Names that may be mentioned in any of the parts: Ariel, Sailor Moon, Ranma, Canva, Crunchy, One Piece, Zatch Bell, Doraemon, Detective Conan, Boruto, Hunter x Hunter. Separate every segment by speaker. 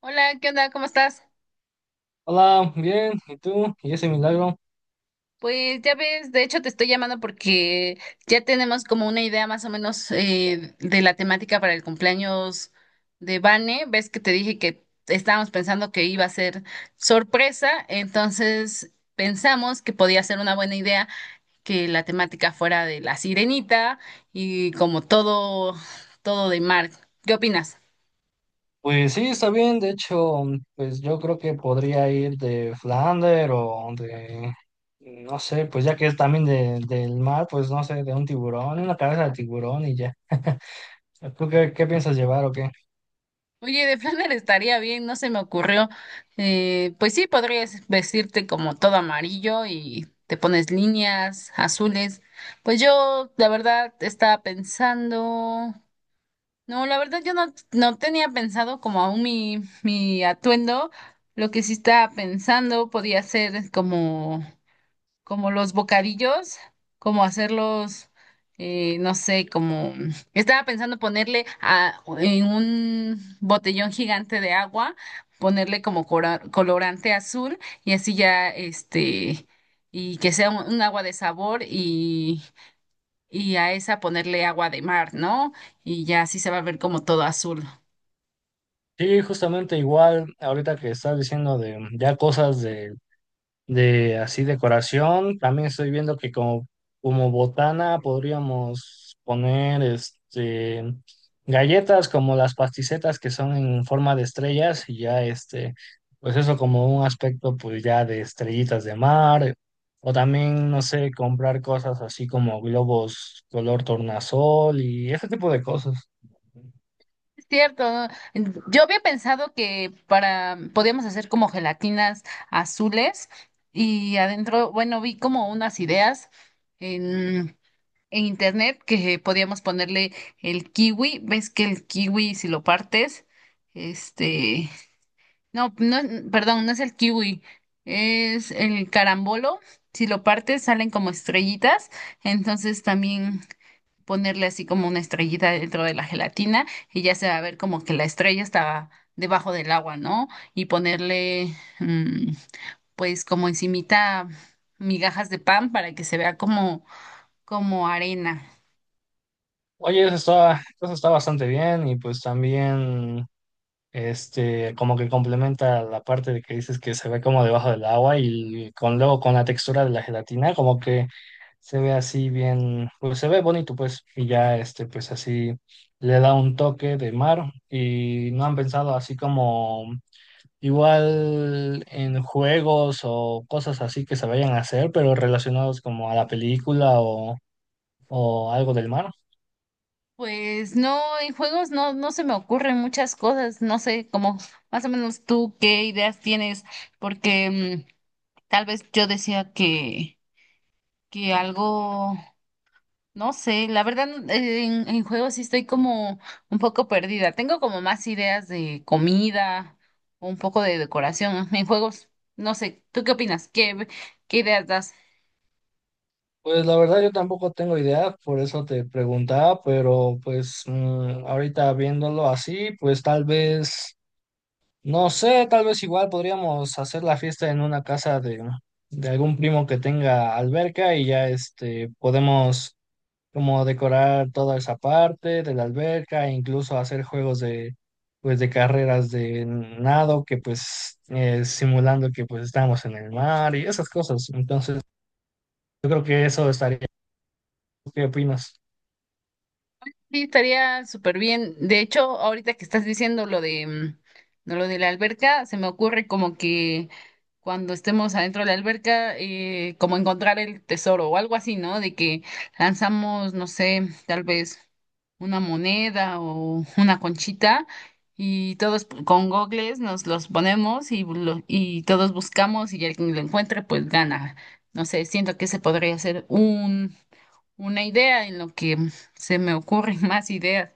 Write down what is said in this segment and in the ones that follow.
Speaker 1: Hola, ¿qué onda? ¿Cómo estás?
Speaker 2: Hola, bien, ¿y tú? ¿Y ese milagro?
Speaker 1: Pues ya ves, de hecho te estoy llamando porque ya tenemos como una idea más o menos de la temática para el cumpleaños de Vane. Ves que te dije que estábamos pensando que iba a ser sorpresa, entonces pensamos que podía ser una buena idea que la temática fuera de la sirenita y como todo, todo de mar. ¿Qué opinas?
Speaker 2: Pues sí, está bien, de hecho, pues yo creo que podría ir de Flander no sé, pues ya que es también del mar, pues no sé, de un tiburón, una cabeza de tiburón y ya. ¿Tú qué piensas llevar o qué?
Speaker 1: Oye, de Flanner estaría bien, no se me ocurrió. Pues sí, podrías vestirte como todo amarillo y te pones líneas azules. Pues yo, la verdad, estaba pensando. No, la verdad, yo no, no tenía pensado como aún mi atuendo. Lo que sí estaba pensando podía ser como como los bocadillos, como hacerlos, no sé, como estaba pensando ponerle en un botellón gigante de agua, ponerle como colorante azul y así ya, este, y que sea un agua de sabor y a esa ponerle agua de mar, ¿no? Y ya así se va a ver como todo azul.
Speaker 2: Sí, justamente igual, ahorita que estás diciendo de ya cosas de así decoración. También estoy viendo como botana podríamos poner este galletas como las pasticetas que son en forma de estrellas y ya este, pues eso como un aspecto pues ya de estrellitas de mar. O también, no sé, comprar cosas así como globos color tornasol y ese tipo de cosas.
Speaker 1: Es cierto, ¿no? Yo había pensado que para podíamos hacer como gelatinas azules y adentro, bueno, vi como unas ideas en, en internet que podíamos ponerle el kiwi. ¿Ves que el kiwi si lo partes, este, perdón, no es el kiwi, es el carambolo. Si lo partes salen como estrellitas, entonces también ponerle así como una estrellita dentro de la gelatina y ya se va a ver como que la estrella está debajo del agua, ¿no? Y ponerle, mm, pues como encimita migajas de pan para que se vea como, como arena.
Speaker 2: Oye, eso está bastante bien y pues también este, como que complementa la parte de que dices que se ve como debajo del agua y con luego con la textura de la gelatina, como que se ve así bien, pues se ve bonito, pues, y ya este, pues así le da un toque de mar y no han pensado así como igual en juegos o cosas así que se vayan a hacer, pero relacionados como a la película o algo del mar.
Speaker 1: Pues no, en juegos no, no se me ocurren muchas cosas, no sé, como más o menos tú qué ideas tienes, porque tal vez yo decía que algo. No sé, la verdad en juegos sí estoy como un poco perdida. Tengo como más ideas de comida o un poco de decoración en juegos. No sé, ¿tú qué opinas? ¿Qué, qué ideas das?
Speaker 2: Pues la verdad yo tampoco tengo idea, por eso te preguntaba, pero pues mm, ahorita viéndolo así, pues tal vez, no sé, tal vez igual podríamos hacer la fiesta en una casa de algún primo que tenga alberca y ya este podemos como decorar toda esa parte de la alberca, e incluso hacer juegos de pues de carreras de nado que pues simulando que pues estamos en el mar y esas cosas. Entonces, yo creo que eso estaría. ¿Qué opinas?
Speaker 1: Sí, estaría súper bien. De hecho, ahorita que estás diciendo lo de lo de la alberca, se me ocurre como que cuando estemos adentro de la alberca, como encontrar el tesoro o algo así, ¿no? De que lanzamos, no sé, tal vez una moneda o una conchita y todos con gogles nos los ponemos y todos buscamos y el que lo encuentre pues gana. No sé, siento que se podría hacer una idea en lo que se me ocurren más ideas.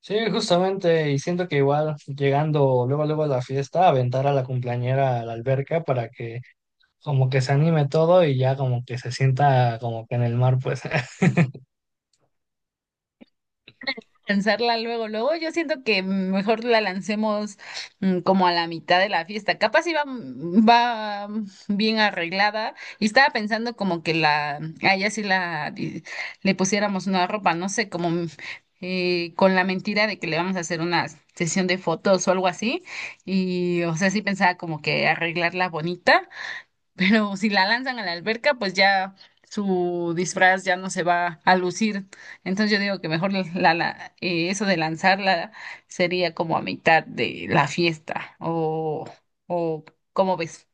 Speaker 2: Sí, justamente, y siento que igual llegando luego luego a la fiesta, aventar a la cumpleañera a la alberca para que como que se anime todo y ya como que se sienta como que en el mar, pues.
Speaker 1: Lanzarla luego, luego yo siento que mejor la lancemos como a la mitad de la fiesta. Capaz iba va bien arreglada y estaba pensando como que a ella sí le pusiéramos una ropa, no sé, como con la mentira de que le vamos a hacer una sesión de fotos o algo así. Y o sea, sí pensaba como que arreglarla bonita pero si la lanzan a la alberca, pues ya su disfraz ya no se va a lucir. Entonces yo digo que mejor eso de lanzarla sería como a mitad de la fiesta o ¿cómo ves?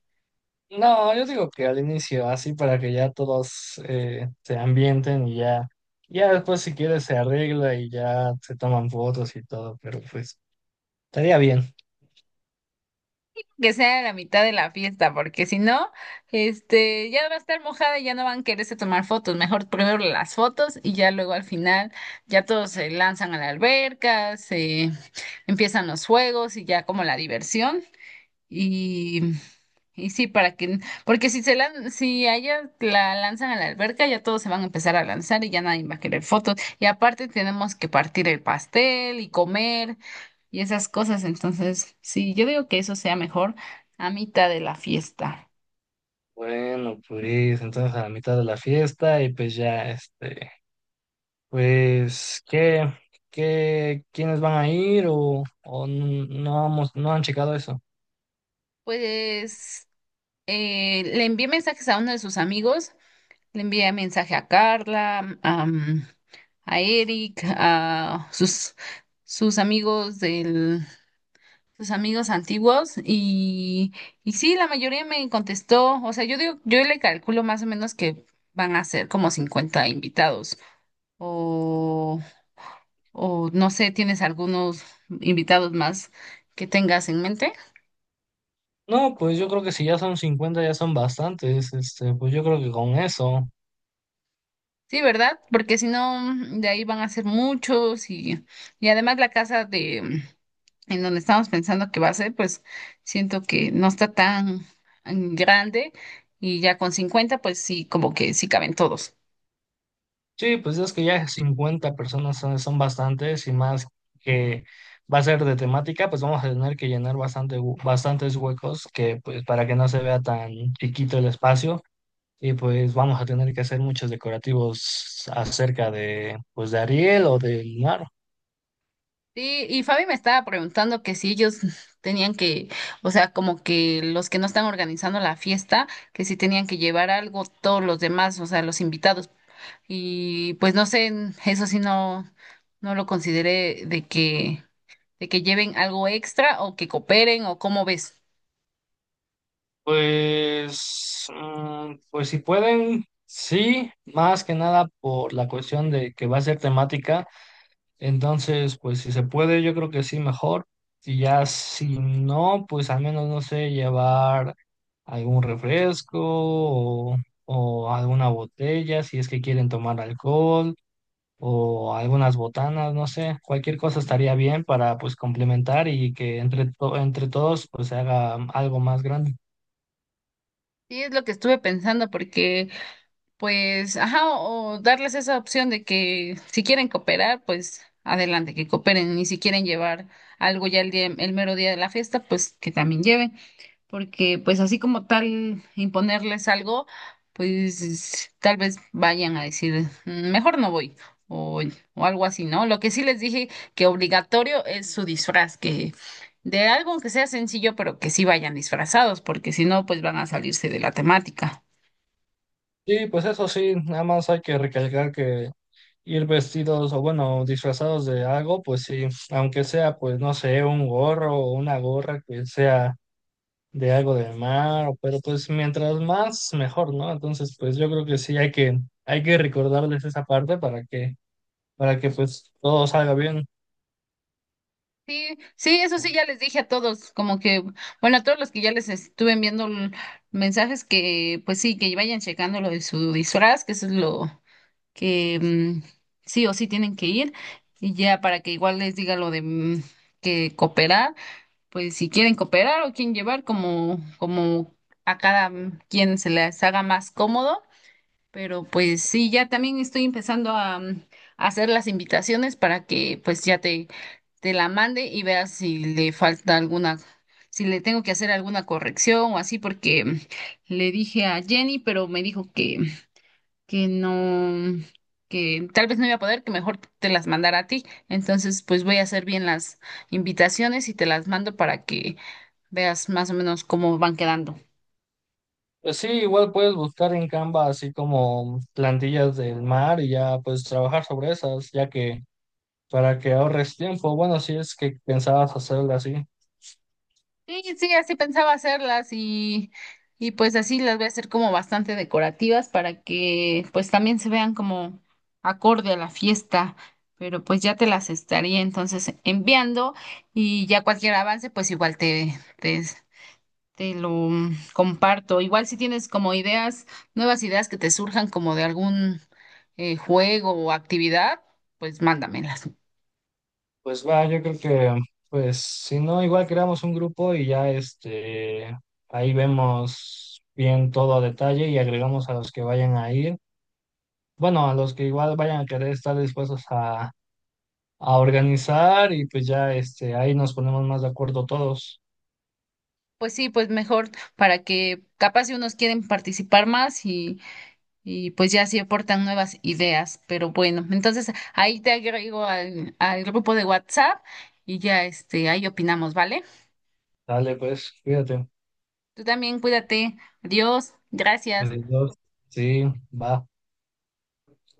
Speaker 2: No, yo digo que al inicio, así para que ya todos se ambienten y ya, ya después si quieres se arregla y ya se toman fotos y todo, pero pues estaría bien.
Speaker 1: Que sea a la mitad de la fiesta, porque si no, este, ya va a estar mojada y ya no van a quererse tomar fotos. Mejor primero las fotos y ya luego al final ya todos se lanzan a la alberca, se empiezan los juegos y ya como la diversión. Y, y sí, para que, porque si se lan, si a ella la lanzan a la alberca, ya todos se van a empezar a lanzar y ya nadie va a querer fotos. Y aparte tenemos que partir el pastel y comer y esas cosas. Entonces, sí, yo digo que eso sea mejor a mitad de la fiesta.
Speaker 2: Bueno, pues entonces a la mitad de la fiesta y pues ya este, pues, qué, ¿quiénes van a ir o no han checado eso?
Speaker 1: Pues le envié mensajes a uno de sus amigos, le envié mensaje a Carla, am, a Eric, sus amigos del sus amigos antiguos y sí, la mayoría me contestó, o sea, yo digo, yo le calculo más o menos que van a ser como 50 invitados o, o no sé, ¿tienes algunos invitados más que tengas en mente?
Speaker 2: No, pues yo creo que si ya son 50 ya son bastantes. Este, pues yo creo que con eso.
Speaker 1: Sí, ¿verdad? Porque si no, de ahí van a ser muchos y además la casa de en donde estamos pensando que va a ser, pues siento que no está tan grande y ya con 50 pues sí, como que sí caben todos.
Speaker 2: Sí, pues es que ya 50 personas son bastantes y más que va a ser de temática, pues vamos a tener que llenar bastante, bastantes huecos que, pues, para que no se vea tan chiquito el espacio. Y pues vamos a tener que hacer muchos decorativos acerca de, pues, de Ariel o del mar.
Speaker 1: Sí, y Fabi me estaba preguntando que si ellos tenían que, o sea, como que los que no están organizando la fiesta, que si tenían que llevar algo todos los demás, o sea, los invitados. Y pues no sé, eso sí no, no lo consideré de que lleven algo extra o que cooperen o cómo ves.
Speaker 2: Pues, mm, pues si pueden, sí, más que nada por la cuestión de que va a ser temática, entonces, pues si se puede, yo creo que sí, mejor. Y ya si no, pues al menos, no sé, llevar algún refresco o alguna botella, si es que quieren tomar alcohol o algunas botanas, no sé, cualquier cosa estaría bien para pues complementar y que entre todos pues se haga algo más grande.
Speaker 1: Sí, es lo que estuve pensando porque pues, ajá, o darles esa opción de que si quieren cooperar, pues adelante, que cooperen, y si quieren llevar algo ya el mero día de la fiesta, pues que también lleven, porque pues así como tal imponerles algo, pues tal vez vayan a decir, "Mm, mejor no voy. O, o algo así, ¿no? Lo que sí les dije que obligatorio es su disfraz, que de algo que sea sencillo, pero que sí vayan disfrazados, porque si no, pues van a salirse de la temática.
Speaker 2: Sí, pues eso sí, nada más hay que recalcar que ir vestidos o bueno, disfrazados de algo, pues sí, aunque sea, pues no sé, un gorro o una gorra que sea de algo del mar, o- pero pues mientras más, mejor, ¿no? Entonces, pues yo creo que sí hay hay que recordarles esa parte para que pues todo salga bien.
Speaker 1: Sí, sí, eso sí, ya les dije a todos, como que, bueno, a todos los que ya les estuve enviando mensajes que, pues sí, que vayan checando lo de su disfraz, que eso es lo que sí o sí tienen que ir, y ya para que igual les diga lo de que cooperar, pues si quieren cooperar o quieren llevar, como, como a cada quien se les haga más cómodo, pero pues sí, ya también estoy empezando a hacer las invitaciones para que pues ya te la mande y veas si le falta alguna, si le tengo que hacer alguna corrección o así, porque le dije a Jenny, pero me dijo que no, que tal vez no iba a poder, que mejor te las mandara a ti. Entonces pues voy a hacer bien las invitaciones y te las mando para que veas más o menos cómo van quedando.
Speaker 2: Pues sí, igual puedes buscar en Canva así como plantillas del mar y ya pues trabajar sobre esas, ya que para que ahorres tiempo, bueno, si es que pensabas hacerlo así.
Speaker 1: Sí, sí, así pensaba hacerlas, y pues así las voy a hacer como bastante decorativas para que pues también se vean como acorde a la fiesta, pero pues ya te las estaría entonces enviando y ya cualquier avance pues igual te lo comparto. Igual si tienes como ideas, nuevas ideas que te surjan como de algún juego o actividad, pues mándamelas.
Speaker 2: Pues va, yo creo que, pues, si no, igual creamos un grupo y ya este, ahí vemos bien todo a detalle y agregamos a los que vayan a ir. Bueno, a los que igual vayan a querer estar dispuestos a organizar y pues ya este, ahí nos ponemos más de acuerdo todos.
Speaker 1: Pues sí, pues mejor para que capaz si unos quieren participar más y pues ya sí aportan nuevas ideas, pero bueno, entonces ahí te agrego al grupo de WhatsApp y ya este, ahí opinamos, ¿vale?
Speaker 2: Dale, pues, cuídate.
Speaker 1: Tú también cuídate, adiós, gracias.
Speaker 2: Adiós. Sí, va.